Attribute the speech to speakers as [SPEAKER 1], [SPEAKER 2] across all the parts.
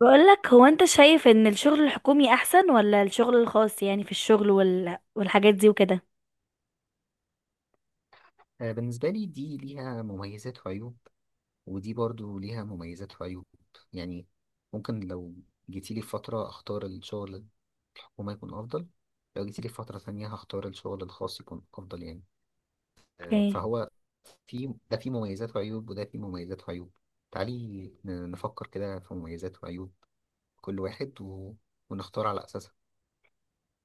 [SPEAKER 1] بقولك هو انت شايف ان الشغل الحكومي احسن ولا الشغل الخاص؟ يعني في الشغل والحاجات دي وكده.
[SPEAKER 2] بالنسبة لي دي ليها مميزات وعيوب، ودي برضو ليها مميزات وعيوب. يعني ممكن لو جيتيلي في فترة أختار الشغل الحكومي يكون أفضل، لو جيتيلي في فترة تانية هختار الشغل الخاص يكون أفضل. يعني
[SPEAKER 1] اوكي.
[SPEAKER 2] فهو في ده فيه مميزات وعيوب وده فيه مميزات وعيوب. تعالي نفكر كده في مميزات وعيوب كل واحد ونختار على أساسها.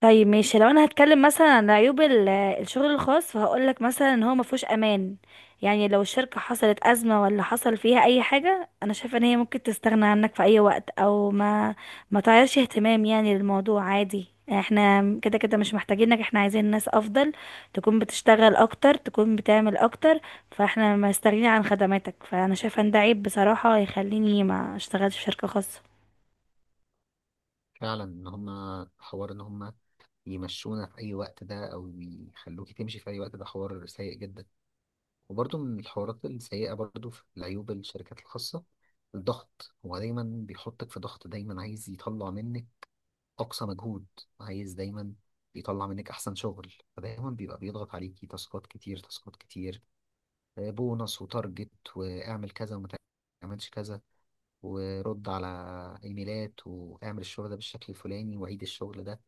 [SPEAKER 1] طيب ماشي، لو انا هتكلم مثلا عن عيوب الشغل الخاص فهقولك مثلا ان هو مفهوش امان. يعني لو الشركة حصلت ازمة ولا حصل فيها اي حاجة، انا شايفة ان هي ممكن تستغنى عنك في اي وقت، او ما تعيرش اهتمام يعني للموضوع، عادي، احنا كده كده مش محتاجينك، احنا عايزين ناس افضل تكون بتشتغل اكتر، تكون بتعمل اكتر، فاحنا مستغنيين عن خدماتك. فانا شايفة ان ده عيب بصراحة، يخليني ما اشتغلش في شركة خاصة.
[SPEAKER 2] فعلا إن هما حوار، إن هما يمشونا في أي وقت ده أو يخلوكي تمشي في أي وقت، ده حوار سيء جدا. وبرضه من الحوارات السيئة برضه في العيوب الشركات الخاصة، الضغط. هو دايما بيحطك في ضغط، دايما عايز يطلع منك أقصى مجهود، عايز دايما يطلع منك أحسن شغل. فدايما بيبقى بيضغط عليكي، تاسكات كتير تاسكات كتير، بونص وتارجت، واعمل كذا وما تعملش كذا، ورد على إيميلات، واعمل الشغل ده بالشكل الفلاني وعيد الشغل ده.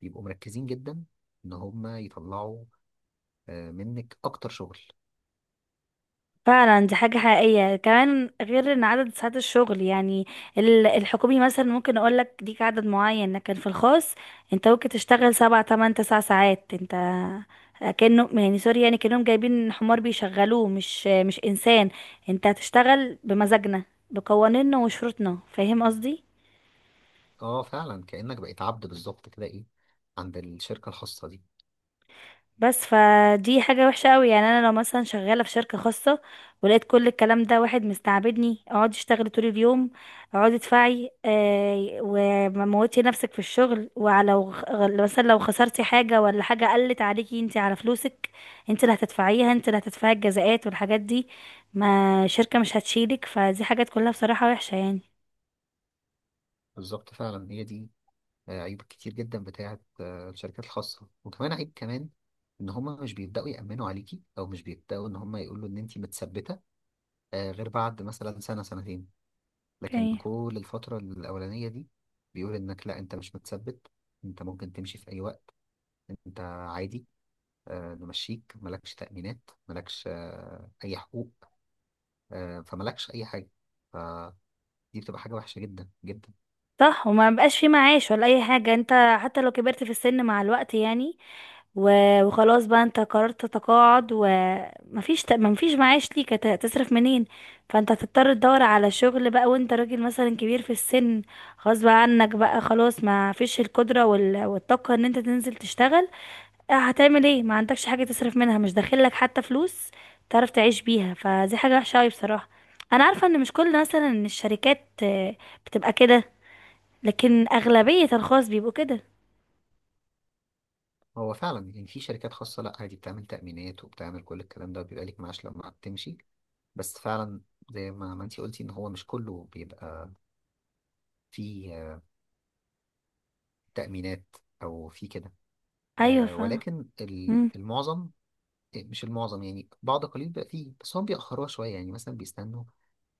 [SPEAKER 2] بيبقوا مركزين جدا إن هما يطلعوا منك أكتر شغل.
[SPEAKER 1] فعلا دي حاجة حقيقية، كمان غير ان عدد ساعات الشغل، يعني الحكومي مثلا ممكن اقول لك ليك عدد معين، لكن في الخاص انت ممكن تشتغل 7 8 9 ساعات. انت كأنه يعني، سوري يعني، كأنهم جايبين حمار بيشغلوه مش انسان. انت هتشتغل بمزاجنا، بقوانيننا وشروطنا، فاهم قصدي؟
[SPEAKER 2] اه فعلا، كأنك بقيت عبد بالظبط كده، ايه، عند الشركة الخاصة دي.
[SPEAKER 1] بس فدي حاجة وحشة قوي، يعني انا لو مثلا شغالة في شركة خاصة ولقيت كل الكلام ده، واحد مستعبدني، اقعدي اشتغلي طول اليوم، اقعدي ادفعي وموتي نفسك في الشغل، ولو مثلا لو خسرتي حاجة ولا حاجة قلت عليكي، انت على فلوسك، انت اللي هتدفعيها، انت اللي هتدفعي الجزاءات والحاجات دي، ما شركة مش هتشيلك، فدي حاجات كلها بصراحة وحشة يعني.
[SPEAKER 2] بالظبط، فعلا هي دي عيوب كتير جدا بتاعت الشركات الخاصة. وكمان عيب كمان، ان هما مش بيبدأوا يأمنوا عليكي، او مش بيبدأوا ان هما يقولوا ان انتي متثبتة غير بعد مثلا سنة أو 2 سنين. لكن
[SPEAKER 1] اوكي.
[SPEAKER 2] كل الفترة الأولانية دي بيقول انك لا، انت مش متثبت، انت ممكن تمشي في اي وقت، انت عادي نمشيك، ملكش تأمينات، ملكش اي حقوق فملكش اي حاجة. دي بتبقى حاجة وحشة جدا جدا.
[SPEAKER 1] صح، وما بقاش في معاش ولا اي حاجة. انت حتى لو كبرت في السن مع الوقت يعني وخلاص بقى انت قررت تتقاعد، ومفيش مفيش معاش ليك، هتصرف منين؟ فانت هتضطر تدور على شغل بقى، وانت راجل مثلا كبير في السن، غصب عنك بقى، خلاص ما فيش القدرة والطاقة ان انت تنزل تشتغل. اه، هتعمل ايه؟ ما عندكش حاجة تصرف منها، مش داخلك حتى فلوس تعرف تعيش بيها، فدي حاجة وحشة قوي بصراحة. انا عارفة ان مش كل مثلا الشركات بتبقى كده، لكن اغلبية الخاص بيبقوا كده.
[SPEAKER 2] هو فعلا يعني في شركات خاصة لا، عادي بتعمل تأمينات وبتعمل كل الكلام ده، بيبقى ليك معاش لما بتمشي. بس فعلا زي ما انتي قلتي ان هو مش كله بيبقى فيه تأمينات او فيه كده
[SPEAKER 1] ايوه، فاهمة.
[SPEAKER 2] ولكن
[SPEAKER 1] مم.
[SPEAKER 2] المعظم. إيه، مش المعظم يعني، بعض قليل بقى فيه، بس هم بيأخروها شوية، يعني مثلا بيستنوا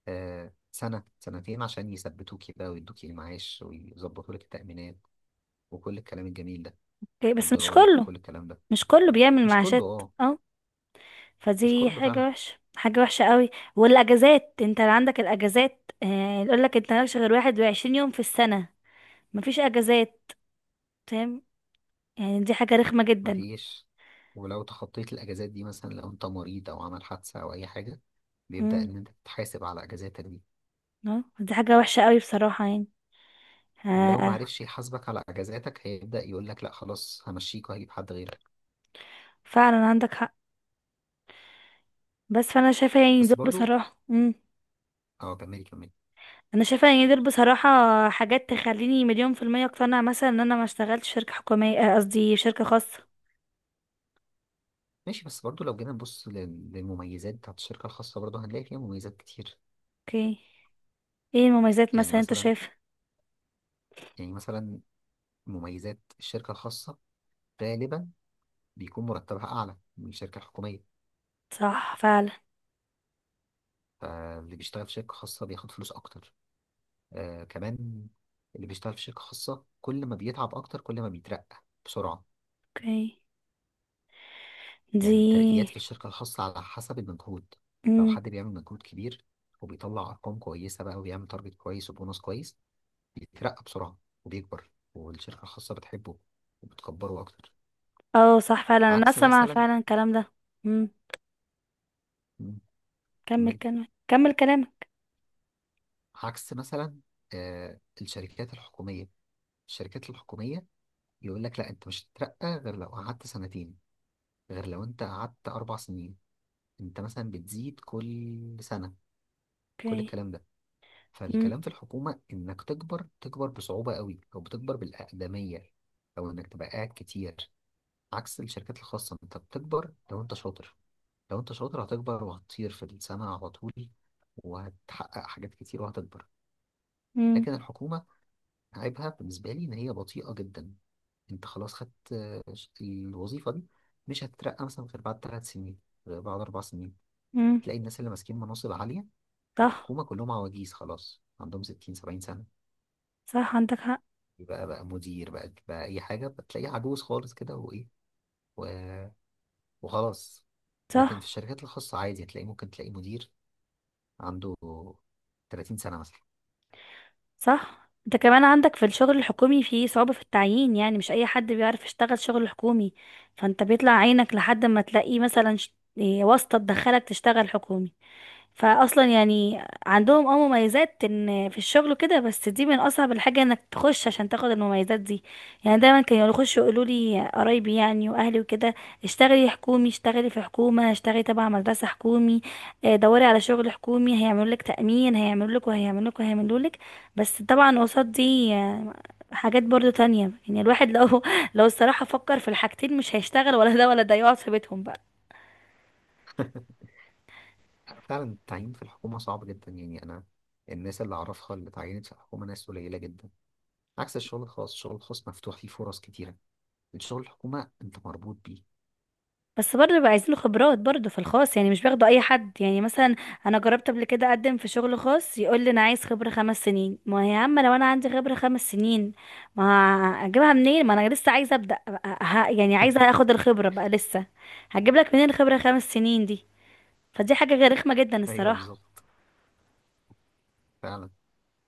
[SPEAKER 2] سنة أو 2 سنين عشان يثبتوكي بقى ويدوكي المعاش ويظبطوا لك التأمينات وكل الكلام الجميل ده
[SPEAKER 1] إيه، بس مش
[SPEAKER 2] والضرايب
[SPEAKER 1] كله.
[SPEAKER 2] وكل الكلام ده.
[SPEAKER 1] مش كله بيعمل
[SPEAKER 2] مش كله،
[SPEAKER 1] معاشات.
[SPEAKER 2] اه،
[SPEAKER 1] اه.
[SPEAKER 2] مش
[SPEAKER 1] فدي
[SPEAKER 2] كله فعلا.
[SPEAKER 1] حاجة وحشة، حاجة وحشة قوي. والاجازات، انت اللي عندك الاجازات، يقولك انت مالكش غير 21 يوم في السنة، مفيش اجازات، فاهم؟ يعني دي حاجة رخمة جدا.
[SPEAKER 2] مفيش. ولو تخطيت الأجازات دي مثلا، لو أنت مريض أو عمل حادثة أو أي حاجة، بيبدأ
[SPEAKER 1] امم
[SPEAKER 2] إن أنت تتحاسب على أجازاتك دي.
[SPEAKER 1] اه، دي حاجة وحشة قوي بصراحة يعني
[SPEAKER 2] ولو
[SPEAKER 1] آه
[SPEAKER 2] معرفش يحاسبك على أجازاتك، هيبدأ يقول لك لأ خلاص، همشيك وهجيب حد غيرك.
[SPEAKER 1] فعلا عندك حق. بس فانا شايفة يعني
[SPEAKER 2] بس
[SPEAKER 1] دول
[SPEAKER 2] برضو،
[SPEAKER 1] بصراحة.
[SPEAKER 2] أه كملي كملي.
[SPEAKER 1] انا شايفة يعني دول بصراحة حاجات تخليني 1,000,000% اقتنع مثلا ان انا ما اشتغلتش في شركة حكومية، قصدي شركة خاصة.
[SPEAKER 2] ماشي، بس برضو لو جينا نبص للمميزات بتاعت الشركة الخاصة، برضو هنلاقي فيها مميزات كتير.
[SPEAKER 1] اوكي، ايه المميزات
[SPEAKER 2] يعني
[SPEAKER 1] مثلا انت
[SPEAKER 2] مثلا،
[SPEAKER 1] شايفها؟
[SPEAKER 2] يعني مثلا مميزات الشركة الخاصة غالبا بيكون مرتبها أعلى من الشركة الحكومية،
[SPEAKER 1] صح فعلا.
[SPEAKER 2] فاللي بيشتغل في شركة خاصة بياخد فلوس أكتر. آه كمان، اللي بيشتغل في شركة خاصة كل ما بيتعب أكتر كل ما بيترقى بسرعة.
[SPEAKER 1] اوكي.
[SPEAKER 2] يعني الترقيات في
[SPEAKER 1] دي.
[SPEAKER 2] الشركة الخاصة على حسب المجهود، لو
[SPEAKER 1] امم
[SPEAKER 2] حد بيعمل مجهود كبير وبيطلع أرقام كويسة بقى وبيعمل تارجت كويس وبونص كويس بيترقى بسرعة وبيكبر، والشركة الخاصة بتحبه وبتكبره أكتر.
[SPEAKER 1] اه صح فعلا، انا
[SPEAKER 2] عكس
[SPEAKER 1] اسمع
[SPEAKER 2] مثلا،
[SPEAKER 1] فعلا الكلام ده. امم.
[SPEAKER 2] مم،
[SPEAKER 1] كمل
[SPEAKER 2] كملي.
[SPEAKER 1] كلامك، كمل كلامك.
[SPEAKER 2] عكس مثلا الشركات الحكومية، الشركات الحكومية يقول لك لا أنت مش هتترقى غير لو قعدت 2 سنين، غير لو أنت قعدت 4 سنين، انت مثلا بتزيد كل سنة كل
[SPEAKER 1] اوكي.
[SPEAKER 2] الكلام ده.
[SPEAKER 1] امم.
[SPEAKER 2] فالكلام في الحكومة انك تكبر تكبر بصعوبة قوي، او بتكبر بالأقدمية، او انك تبقى قاعد كتير. عكس الشركات الخاصة، انت بتكبر لو انت شاطر، لو انت شاطر هتكبر وهتطير في السماء على طول، وهتحقق حاجات كتير وهتكبر.
[SPEAKER 1] امم.
[SPEAKER 2] لكن الحكومة، عيبها بالنسبة لي ان هي بطيئة جدا. انت خلاص خدت الوظيفة دي، مش هتترقى مثلا غير بعد 3 سنين، غير بعد 4 سنين.
[SPEAKER 1] امم.
[SPEAKER 2] تلاقي الناس اللي ماسكين مناصب عالية
[SPEAKER 1] صح.
[SPEAKER 2] الحكومة كلهم عواجيز خلاص، عندهم 60 70 سنة.
[SPEAKER 1] صح، عندك حق.
[SPEAKER 2] يبقى بقى مدير، بقى بقى أي حاجة، بتلاقيه عجوز خالص كده، وإيه و... وخلاص. لكن
[SPEAKER 1] صح.
[SPEAKER 2] في الشركات الخاصة عادي هتلاقي، ممكن تلاقي مدير عنده 30 سنة مثلا.
[SPEAKER 1] صح. انت كمان عندك في الشغل الحكومي في صعوبة في التعيين، يعني مش اي حد بيعرف يشتغل شغل حكومي، فانت بيطلع عينك لحد ما تلاقي مثلا ش- إيه، واسطة تدخلك تشتغل حكومي، فاصلا يعني عندهم مميزات ان في الشغل وكده، بس دي من اصعب الحاجه انك تخش عشان تاخد المميزات دي. يعني دايما كانوا يخشوا يقولوا لي قرايبي يعني واهلي وكده، اشتغلي حكومي، اشتغلي في حكومه، اشتغلي تبع مدرسه حكومي، اه، دوري على شغل حكومي، هيعملوا لك تامين، هيعملوا لك وهيعملوا لك وهيعملوا لك. بس طبعا قصاد دي حاجات برضو تانية، يعني الواحد لو لو الصراحه فكر في الحاجتين مش هيشتغل ولا ده ولا ده، يقعد في بيتهم بقى.
[SPEAKER 2] فعلا التعيين في الحكومة صعب جدا. يعني أنا الناس اللي أعرفها اللي اتعينت في الحكومة ناس قليلة جدا، عكس الشغل الخاص. الشغل الخاص مفتوح فيه فرص كتيرة، الشغل الحكومة أنت مربوط بيه.
[SPEAKER 1] بس برضه بيبقى عايزين له خبرات برضه في الخاص، يعني مش بياخدوا اي حد، يعني مثلا انا جربت قبل كده اقدم في شغل خاص، يقول لي انا عايز خبره 5 سنين. ما هي، يا عم، لو انا عندي خبره 5 سنين ما اجيبها منين؟ ما انا لسه عايزه ابدا، يعني عايزه اخد الخبره بقى لسه. هجيب لك منين الخبره 5 سنين دي؟ فدي حاجه غير رخمه جدا
[SPEAKER 2] أيوه
[SPEAKER 1] الصراحه.
[SPEAKER 2] بالظبط. فعلا،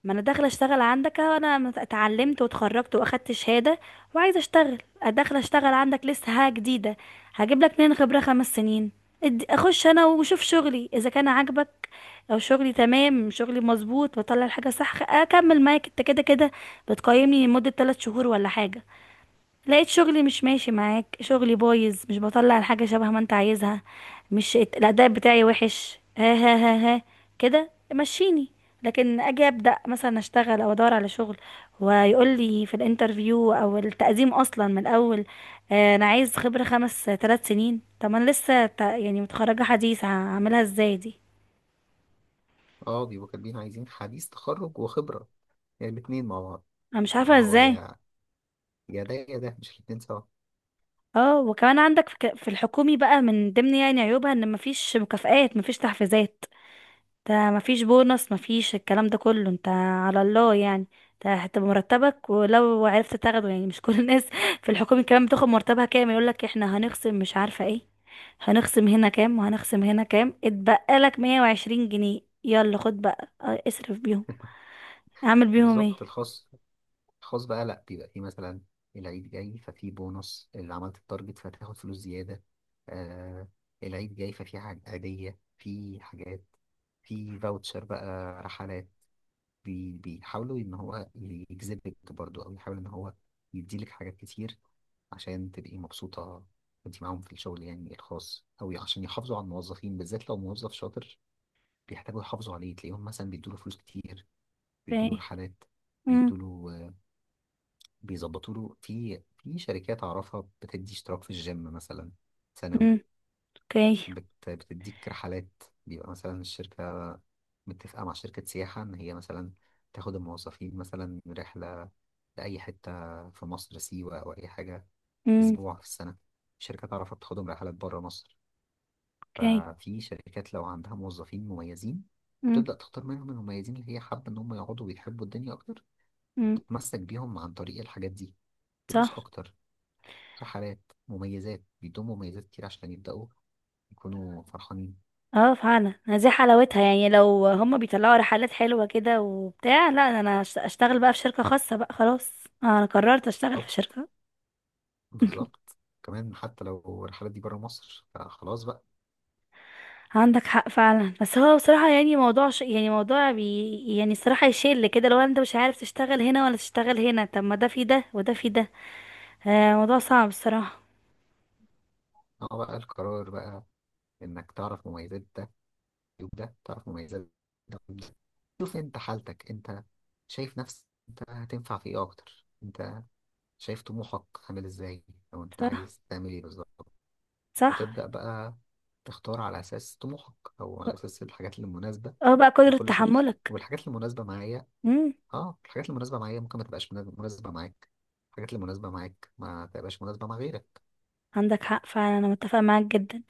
[SPEAKER 1] ما انا داخله اشتغل عندك أهو، انا اتعلمت واتخرجت واخدت شهاده وعايزه اشتغل، داخله اشتغل عندك لسه حاجه جديده، هجيب لك منين خبره 5 سنين؟ اخش انا واشوف شغلي اذا كان عاجبك، او شغلي تمام، شغلي مظبوط، بطلع الحاجه صح، اكمل معاك انت كده كده. بتقيمني لمده 3 شهور ولا حاجه، لقيت شغلي مش ماشي معاك، شغلي بايظ، مش بطلع الحاجة شبه ما انت عايزها، مش الأداء بتاعي وحش، ها ها ها ها، كده مشيني. لكن اجي ابدا مثلا اشتغل او ادور على شغل، ويقول لي في الانترفيو او التقديم اصلا من الاول، انا عايز خبره 5 3 سنين. طب ما انا لسه يعني متخرجه حديث، هعملها ازاي دي؟
[SPEAKER 2] أه بيبقوا كاتبين عايزين حديث تخرج وخبرة، يعني الاتنين مع بعض.
[SPEAKER 1] انا مش عارفه
[SPEAKER 2] ما هو
[SPEAKER 1] ازاي.
[SPEAKER 2] يا ده يا ده، مش الاتنين سوا.
[SPEAKER 1] اه، وكمان عندك في في الحكومي بقى، من ضمن يعني عيوبها ان مفيش مكافآت، مفيش تحفيزات، ده مفيش بونص، مفيش الكلام ده كله، انت على الله يعني، ده هتبقى مرتبك ولو عرفت تاخده، يعني مش كل الناس في الحكومة كمان بتاخد مرتبها كام، يقولك احنا هنخصم مش عارفة ايه، هنخصم هنا كام وهنخصم هنا كام، اتبقى لك 120 جنيه، يلا خد بقى، اصرف بيهم، اعمل بيهم ايه؟
[SPEAKER 2] بالظبط، الخاص، بقى لا، بيبقى فيه مثلا العيد جاي ففي بونص، اللي عملت التارجت فتاخد فلوس زيادة. آه العيد جاي ففي حاجة عادية، في حاجات، في فاوتشر بقى، رحلات. بيحاولوا ان هو يجذبك برضو، او يحاول ان هو يديلك حاجات كتير عشان تبقي مبسوطة وانت معاهم في الشغل، يعني الخاص. او عشان يحافظوا على الموظفين، بالذات لو موظف شاطر بيحتاجوا يحافظوا عليه، تلاقيهم مثلا بيدوا له فلوس كتير،
[SPEAKER 1] في
[SPEAKER 2] بيدوا له
[SPEAKER 1] ايه؟
[SPEAKER 2] رحلات،
[SPEAKER 1] امم.
[SPEAKER 2] بيدوا له، بيظبطوا له. في شركات اعرفها بتدي اشتراك في الجيم مثلا سنوي.
[SPEAKER 1] اوكي.
[SPEAKER 2] بتديك رحلات، بيبقى مثلا الشركة متفقة مع شركة سياحة ان هي مثلا تاخد الموظفين مثلا رحلة لأي حتة في مصر، سيوة أو أي حاجة،
[SPEAKER 1] امم.
[SPEAKER 2] أسبوع في السنة. شركات تعرف تاخدهم رحلات بره مصر.
[SPEAKER 1] اوكي.
[SPEAKER 2] ففي شركات لو عندها موظفين مميزين،
[SPEAKER 1] امم.
[SPEAKER 2] تبدأ تختار منهم المميزين اللي هي حابة إن هم يقعدوا ويحبوا الدنيا أكتر،
[SPEAKER 1] امم.
[SPEAKER 2] تتمسك بيهم عن طريق الحاجات دي، فلوس
[SPEAKER 1] صح.
[SPEAKER 2] أكتر، رحلات، مميزات، بيدوم مميزات كتير عشان يبدأوا يكونوا فرحانين.
[SPEAKER 1] اه فعلا، دي حلاوتها، يعني لو هما بيطلعوا رحلات حلوة كده وبتاع، لا انا اشتغل بقى في شركة خاصة بقى خلاص، انا قررت اشتغل في
[SPEAKER 2] طب
[SPEAKER 1] شركة.
[SPEAKER 2] بالظبط، كمان حتى لو الرحلات دي بره مصر فخلاص بقى.
[SPEAKER 1] عندك حق فعلا، بس هو بصراحة يعني موضوع يعني موضوع يعني الصراحة يشل كده، لو انت مش عارف تشتغل هنا ولا تشتغل هنا، طب ما ده في ده وده في ده، موضوع صعب الصراحة.
[SPEAKER 2] اه بقى القرار بقى، إنك تعرف مميزات ده عيوب ده، تعرف مميزات ده عيوب ده، شوف أنت حالتك أنت، شايف نفسك أنت هتنفع في إيه أكتر، أنت شايف طموحك عامل إزاي، أو أنت
[SPEAKER 1] صح.
[SPEAKER 2] عايز تعمل إيه بالظبط.
[SPEAKER 1] صح.
[SPEAKER 2] وتبدأ بقى تختار على أساس طموحك، أو على أساس الحاجات المناسبة
[SPEAKER 1] اه بقى قدرة
[SPEAKER 2] لكل شخص.
[SPEAKER 1] تحملك.
[SPEAKER 2] والحاجات المناسبة معايا،
[SPEAKER 1] مم.
[SPEAKER 2] اه الحاجات المناسبة معايا ممكن ما تبقاش مناسبة معاك، الحاجات المناسبة معاك ما تبقاش مناسبة مع غيرك.
[SPEAKER 1] عندك حق فعلا، انا متفقه معاك جدا،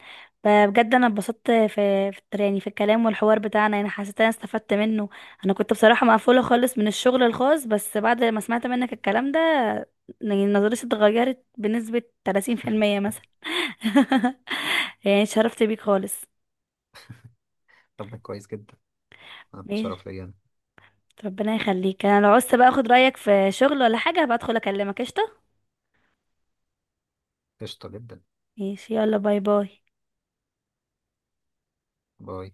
[SPEAKER 1] بجد انا اتبسطت في يعني في الكلام والحوار بتاعنا، انا حسيت انا استفدت منه. انا كنت بصراحه مقفوله خالص من الشغل الخاص، بس بعد ما سمعت منك الكلام ده، يعني نظرتي اتغيرت بنسبه 30% مثلا. يعني اتشرفت بيك خالص.
[SPEAKER 2] طب ده كويس جدا، أنا
[SPEAKER 1] ماشي،
[SPEAKER 2] متشرف ليا أنا.
[SPEAKER 1] ربنا يخليك. انا لو عوزت بقى اخد رايك في شغل ولا حاجه هبقى ادخل اكلمك، قشطه.
[SPEAKER 2] قشطة جدا.
[SPEAKER 1] ماشي، يلا، باي باي.
[SPEAKER 2] باي.